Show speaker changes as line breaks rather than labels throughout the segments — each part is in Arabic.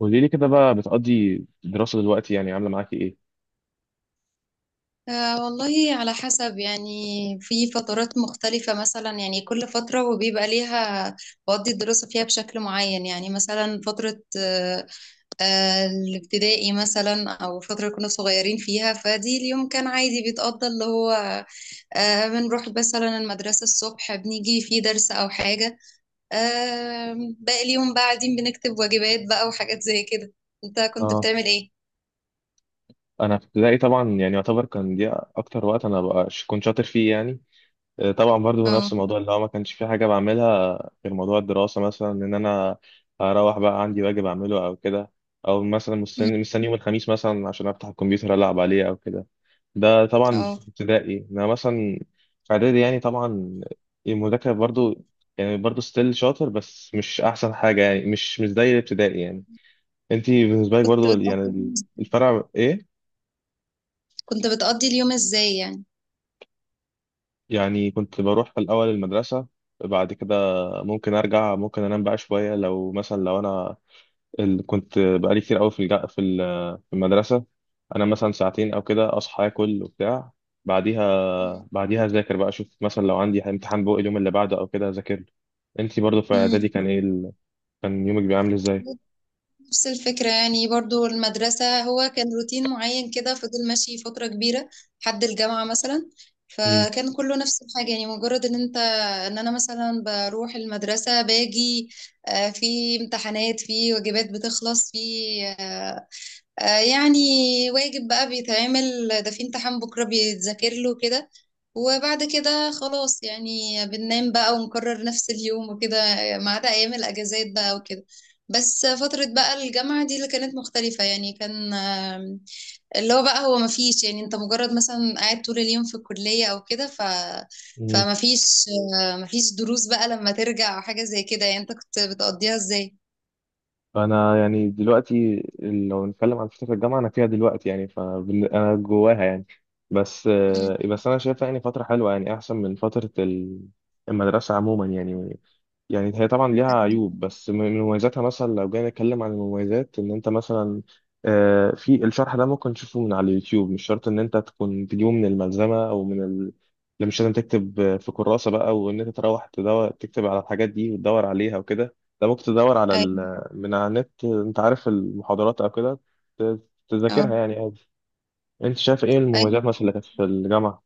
قولي لي كده بقى، بتقضي الدراسة دلوقتي يعني عاملة معاكي ايه؟
آه والله على حسب يعني. في فترات مختلفة مثلا، يعني كل فترة وبيبقى ليها بقضي الدراسة فيها بشكل معين. يعني مثلا فترة الابتدائي مثلا، أو فترة كنا صغيرين فيها، فدي اليوم كان عادي بيتقضى اللي هو بنروح مثلا المدرسة الصبح، بنيجي في درس أو حاجة، آه باقي اليوم بقى قاعدين بنكتب واجبات بقى وحاجات زي كده. أنت كنت
اه،
بتعمل إيه؟
انا في ابتدائي طبعا يعني يعتبر كان دي اكتر وقت انا بقى كنت شاطر فيه يعني. طبعا برضو نفس
اه.
الموضوع اللي هو ما كانش في حاجة بعملها غير موضوع الدراسة، مثلا ان انا اروح بقى عندي واجب اعمله او كده، او مثلا
أمم.
مستني يوم الخميس مثلا عشان افتح الكمبيوتر العب عليه او كده. ده طبعا
اه.
في ابتدائي، انا مثلا في اعدادي يعني طبعا المذاكرة برضو، يعني برضو ستيل شاطر بس مش احسن حاجة، يعني مش زي الابتدائي يعني. انت بالنسبه لك
كنت
برضو يعني،
بتقضي
الفرع ايه؟
كنت بتقضي اليوم ازاي يعني؟
يعني كنت بروح في الاول المدرسه، بعد كده ممكن ارجع، ممكن انام بقى شويه لو انا كنت بقالي كتير قوي في الج- في ال- في المدرسه. انا مثلا ساعتين او كده اصحى اكل وبتاع،
مم.
بعديها اذاكر بقى، اشوف مثلا لو عندي امتحان بقى اليوم اللي بعده او كده اذاكر له. انت برضو في
مم.
اعدادي كان ايه كان يومك بيعمل ازاي؟
نفس الفكرة يعني، برضو المدرسة هو كان روتين معين كده، فضل ماشي فترة كبيرة لحد الجامعة مثلا. فكان كله نفس الحاجة، يعني مجرد ان انا مثلا بروح المدرسة باجي، في امتحانات، في واجبات بتخلص، في آه، يعني واجب بقى بيتعمل، ده في امتحان بكرة بيتذاكر له كده، وبعد كده خلاص يعني بننام بقى ونكرر نفس اليوم وكده، ما عدا أيام الأجازات بقى وكده. بس فترة بقى الجامعة دي اللي كانت مختلفة، يعني كان اللي هو بقى هو مفيش، يعني انت مجرد مثلا قاعد طول اليوم في الكلية او كده ف
امم
فمفيش آه، مفيش دروس بقى لما ترجع او حاجة زي كده، يعني انت كنت بتقضيها ازاي؟
فانا يعني دلوقتي لو نتكلم عن فتره الجامعه انا فيها دلوقتي يعني فانا جواها يعني. بس
مم.
آه، بس انا شايفها يعني فتره حلوه، يعني احسن من فتره المدرسه عموما يعني. يعني هي طبعا ليها عيوب، بس من مميزاتها مثلا لو جينا نتكلم عن المميزات ان انت مثلا في الشرح ده ممكن تشوفه من على اليوتيوب، مش شرط ان انت تكون تجيبه من الملزمة او من لا مش لازم تكتب في كراسة بقى وان انت تروح تدور تكتب على الحاجات دي وتدور عليها وكده. ده ممكن تدور على
ايوه.
من على النت انت عارف المحاضرات او كده ت-
اه.
تذاكرها يعني عادي. انت شايف ايه المميزات
ايوه،
مثلا اللي كانت في الجامعة؟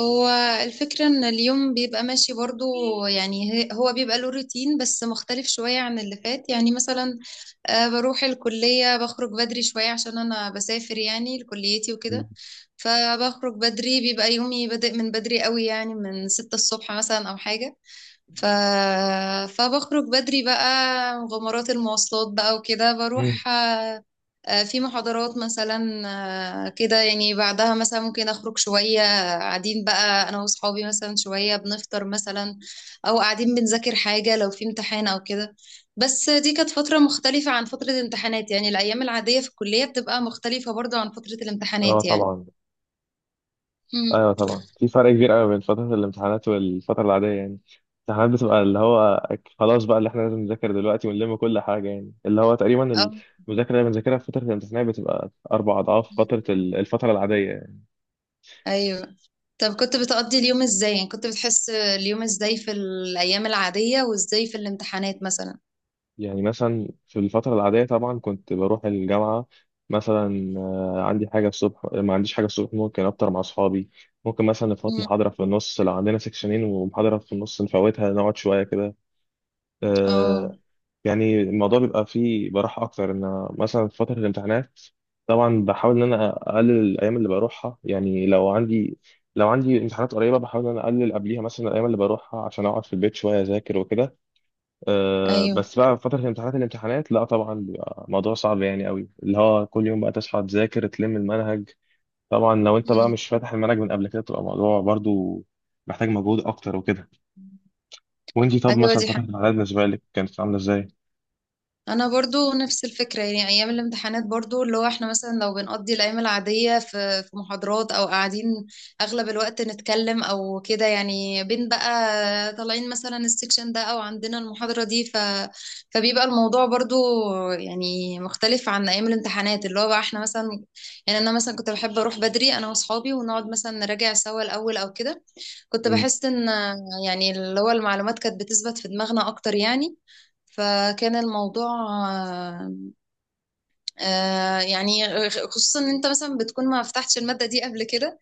هو الفكرة ان اليوم بيبقى ماشي برضو. يعني هو بيبقى له روتين بس مختلف شوية عن اللي فات، يعني مثلا بروح الكلية، بخرج بدري شوية عشان انا بسافر يعني لكليتي وكده، فبخرج بدري بيبقى يومي بادئ من بدري قوي، يعني من ستة الصبح مثلا او حاجة. ف... فبخرج بدري بقى مغامرات المواصلات بقى وكده،
مم.
بروح في محاضرات مثلا. كده يعني، بعدها مثلا ممكن أخرج شوية قاعدين بقى أنا وأصحابي مثلا شوية، بنفطر مثلا أو قاعدين بنذاكر حاجة لو في امتحان أو كده. بس دي كانت فترة مختلفة عن فترة الامتحانات، يعني الأيام العادية في الكلية بتبقى مختلفة برضو عن فترة
اه،
الامتحانات يعني.
طبعا.
مم.
ايوه طبعا، في فرق كبير قوي بين فتره الامتحانات والفتره العاديه يعني. الامتحانات بتبقى اللي هو خلاص بقى، اللي احنا لازم نذاكر دلوقتي ونلم كل حاجه، يعني اللي هو تقريبا
أو
المذاكره اللي بنذاكرها في فتره الامتحانات بتبقى 4 اضعاف فتره الفتره العاديه يعني.
أيوه. طب كنت بتقضي اليوم ازاي يعني؟ كنت بتحس اليوم ازاي في الايام العادية وازاي في الامتحانات مثلا؟
يعني مثلا في الفتره العاديه طبعا كنت بروح الجامعه مثلا، عندي حاجه الصبح ما عنديش حاجه الصبح ممكن افطر مع اصحابي، ممكن مثلا نفوت
امم.
محاضره في النص لو عندنا سكشنين ومحاضره في النص نفوتها نقعد شويه كده.
اه.
آه، يعني الموضوع بيبقى فيه براحة أكتر، إن أنا مثلا في فترة الامتحانات طبعا بحاول إن أنا أقلل الأيام اللي بروحها، يعني لو عندي امتحانات قريبة بحاول إن أنا أقلل قبليها مثلا الأيام اللي بروحها عشان أقعد في البيت شوية أذاكر وكده. أه،
ايوه.
بس بقى في فترة الامتحانات، لا طبعا بيبقى موضوع صعب يعني قوي، اللي هو كل يوم بقى تصحى تذاكر تلم المنهج. طبعا لو أنت بقى
امم.
مش فاتح المنهج من قبل كده، بتبقى موضوع برضو محتاج مجهود أكتر وكده. وأنتي طب
ايوه،
مثلا فترة الامتحانات بالنسبة لك كانت عاملة إزاي؟
انا برضو نفس الفكره، يعني ايام الامتحانات برضو اللي هو احنا مثلا لو بنقضي الايام العاديه في محاضرات او قاعدين اغلب الوقت نتكلم او كده، يعني بين بقى طالعين مثلا السكشن ده او عندنا المحاضره دي. فبيبقى الموضوع برضو يعني مختلف عن ايام الامتحانات اللي هو بقى احنا مثلا. يعني انا مثلا كنت بحب اروح بدري انا واصحابي ونقعد مثلا نراجع سوا الاول او كده. كنت
مم.
بحس ان يعني اللي هو المعلومات كانت بتثبت في دماغنا اكتر يعني. فكان الموضوع آه، يعني خصوصا ان انت مثلا بتكون ما فتحتش المادة دي قبل كده،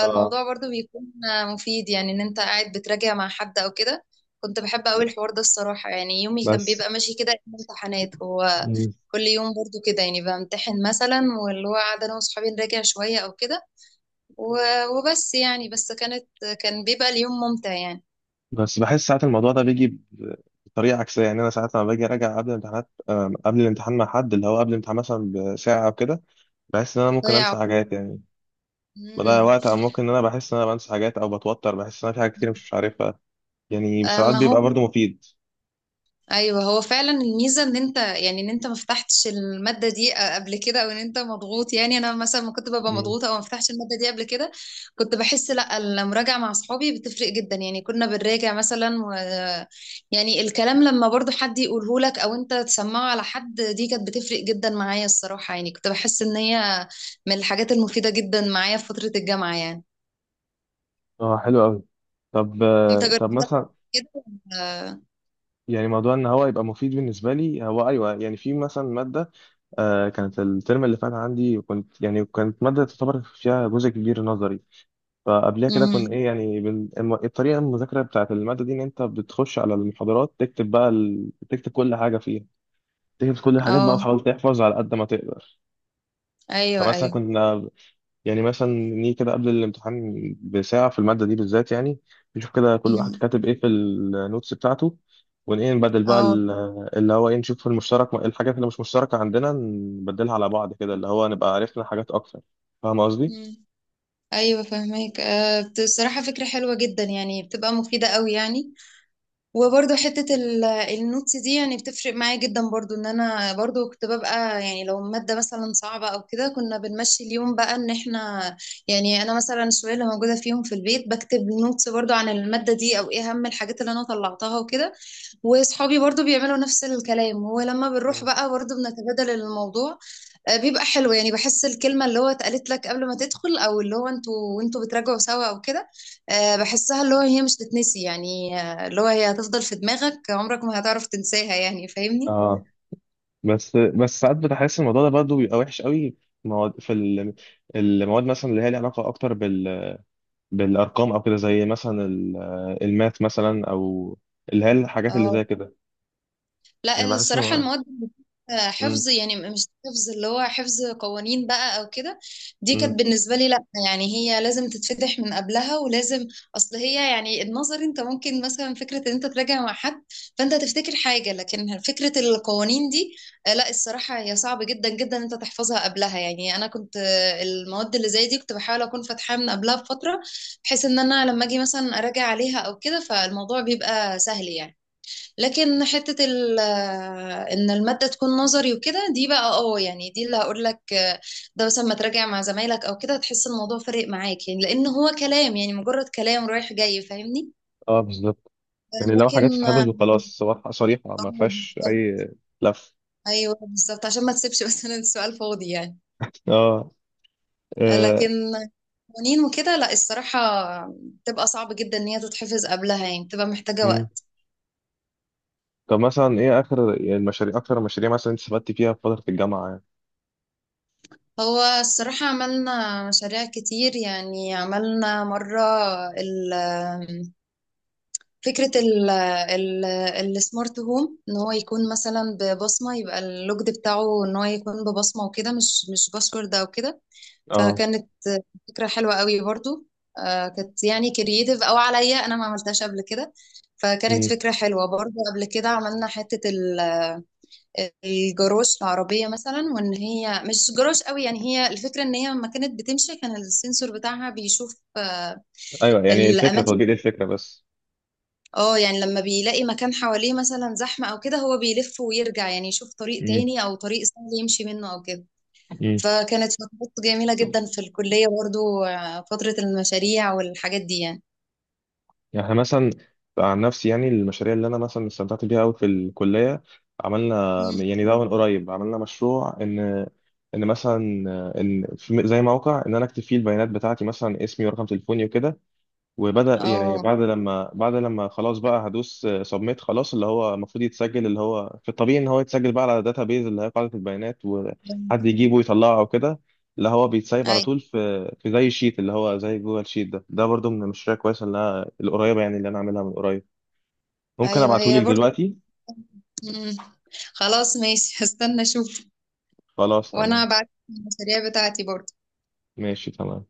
اه،
برضو بيكون مفيد يعني ان انت قاعد بتراجع مع حد او كده. كنت بحب قوي الحوار ده الصراحة. يعني يومي كان
بس.
بيبقى ماشي كده إنه امتحانات. هو
مم.
كل يوم برضو كده، يعني بمتحن مثلا واللي هو قاعدة انا واصحابي نراجع شوية او كده. و- وبس يعني، بس كان بيبقى اليوم ممتع يعني.
بس بحس ساعات الموضوع ده بيجي ب- بطريقة عكسية. يعني أنا ساعات لما باجي أراجع قبل الامتحانات، قبل الامتحان مع حد، اللي هو قبل الامتحان مثلا بساعة أو كده، بحس إن أنا ممكن
ضيع
أنسى
وقت.
حاجات. يعني بضيع
مم.
وقت، أو ممكن إن أنا بحس إن أنا بنسى حاجات أو بتوتر، بحس إن أنا في حاجات كتير مش عارفها. يعني ساعات
ما هو
بيبقى برضه مفيد.
ايوه، هو فعلا الميزه ان انت يعني ان انت ما فتحتش الماده دي قبل كده او ان انت مضغوط. يعني انا مثلا ما كنت ببقى
مم.
مضغوطه او ما فتحتش الماده دي قبل كده، كنت بحس لا، المراجعه مع اصحابي بتفرق جدا. يعني كنا بنراجع مثلا و يعني الكلام لما برضو حد يقوله لك او انت تسمعه على حد دي كانت بتفرق جدا معايا الصراحه. يعني كنت بحس ان هي من الحاجات المفيده جدا معايا في فتره الجامعه يعني.
اه، حلو أوي. طب
انت
آه، طب
جربتها
مثلا،
كده ولا-؟
يعني موضوع ان هو يبقى مفيد بالنسبه لي، هو ايوه يعني في مثلا ماده كانت الترم اللي فات عندي، وكنت يعني كانت ماده تعتبر فيها جزء كبير نظري. فقبلها كده
مم.
كنا ايه، يعني الطريقه المذاكره بتاعت الماده دي ان انت بتخش على المحاضرات تكتب بقى تكتب كل حاجه فيها، تكتب كل الحاجات بقى
اه.
وتحاول تحفظ على قد ما تقدر.
ايوه.
فمثلا
ايوه.
كنا، يعني مثلا نيجي كده قبل الامتحان بساعه في الماده دي بالذات، يعني نشوف كده كل واحد
مم.
كاتب ايه في النوتس بتاعته، ونبدل بقى
اه.
اللي هو ايه، نشوف المشترك الحاجات اللي مش مشتركه عندنا نبدلها على بعض كده، اللي هو نبقى عرفنا حاجات اكتر. فاهم قصدي؟
مم. ايوه فهماك. بصراحه فكره حلوه جدا يعني بتبقى مفيده قوي يعني. وبرده حته النوتس دي يعني بتفرق معايا جدا برضو، ان انا برضو كنت ببقى، يعني لو ماده مثلا صعبه او كده كنا بنمشي اليوم بقى ان احنا، يعني انا مثلا الشويه اللي موجوده فيهم في البيت بكتب نوتس برضو عن الماده دي او ايه اهم الحاجات اللي انا طلعتها وكده، واصحابي برضو بيعملوا نفس الكلام، ولما بنروح
مم.
بقى برضو بنتبادل الموضوع. بيبقى حلو يعني، بحس الكلمة اللي هو اتقالت لك قبل ما تدخل أو اللي هو انتوا بتراجعوا سوا أو كده، بحسها اللي هو هي مش تتنسي يعني. اللي هو هي هتفضل في دماغك عمرك ما هتعرف تنساها يعني، فاهمني؟
اه، بس ساعات بتحس الموضوع ده برضه بيبقى وحش قوي في مواد، المواد مثلا اللي هي ليها علاقه اكتر بالارقام او كده، زي مثلا الماث مثلا، او اللي هي الحاجات اللي
اه.
زي كده.
لا
يعني بحس
الصراحة المواد
امم
حفظ يعني، مش حفظ، اللي هو حفظ قوانين بقى او كده، دي
امم
كانت بالنسبة لي لا، يعني هي لازم تتفتح من قبلها ولازم. اصل هي يعني النظر انت ممكن مثلا فكرة ان انت تراجع مع حد فانت تفتكر حاجة، لكن فكرة القوانين دي لا الصراحة هي صعب جدا جدا انت تحفظها قبلها. يعني انا كنت المواد اللي زي دي كنت بحاول اكون فاتحاها من قبلها بفترة، بحيث ان انا لما اجي مثلا اراجع عليها او كده فالموضوع بيبقى سهل يعني. لكن حتة ال آه، ان المادة تكون نظري وكده دي بقى يعني دي اللي هقول لك، ده مثلا ما تراجع مع زمايلك او كده هتحس الموضوع فارق معاك يعني، لان هو كلام يعني مجرد كلام رايح جاي، فاهمني؟
اه، بالظبط. يعني لو حاجات
لكن اه
تتحفظ وخلاص، صراحه صريحه
آه،
ما فيهاش
بالظبط.
اي لف.
ايوه بالظبط، عشان ما تسيبش مثلا السؤال فاضي يعني.
اه، آه،
لكن قوانين وكده لا الصراحة بتبقى صعب جدا ان هي تتحفظ قبلها، يعني بتبقى محتاجة
امم
وقت.
طب مثلا ايه اخر المشاريع اكتر المشاريع مثلا انت استفدت فيها في فتره الجامعه يعني؟
هو الصراحة عملنا مشاريع كتير يعني، عملنا مرة ال فكرة ال ال السمارت هوم، ان هو يكون مثلا ببصمة، يبقى اللوجد بتاعه ان هو يكون ببصمة وكده مش باسورد او كده.
اه.
فكانت فكرة حلوة قوي برضو. كانت يعني كرييتيف او عليا، انا ما عملتهاش قبل كده، فكانت
امم.
فكرة حلوة برضو. قبل كده عملنا حتة الجروش العربية مثلا، وان هي مش جروش قوي، يعني هي الفكرة ان هي لما كانت بتمشي كان السنسور بتاعها بيشوف
ايوه، يعني الفكره
الاماكن.
تطبيق الفكره بس.
اه، يعني لما بيلاقي مكان حواليه مثلا زحمة او كده هو بيلف ويرجع، يعني يشوف طريق
امم.
تاني او طريق سهل يمشي منه او كده.
امم
فكانت فترات جميلة جدا في الكلية برضو. فترة المشاريع والحاجات دي يعني.
يعني احنا مثلا، عن نفسي يعني المشاريع اللي انا مثلا استمتعت بيها قوي في الكليه، عملنا
مم.
يعني ده من قريب عملنا مشروع ان ان مثلا في زي موقع، ان انا اكتب فيه البيانات بتاعتي مثلا اسمي ورقم تليفوني وكده، وبدأ يعني
اه.
بعد لما خلاص بقى، هدوس سبميت خلاص، اللي هو المفروض يتسجل، اللي هو في الطبيعي ان هو يتسجل بقى على داتا بيز اللي هي قاعدة البيانات، وحد يجيبه ويطلعه او كده. اللي هو بيتسايب على
اي.
طول في زي شيت اللي هو زي جوجل شيت. ده برضو من المشاريع كويسة اللي القريبة، يعني اللي انا عاملها من قريب. ممكن
ايوه هي
ابعتهولك
برضو.
دلوقتي.
مم. خلاص ماشي هستنى اشوف.
خلاص،
وانا
تمام.
بعت المشاريع بتاعتي برضو.
ماشي تمام.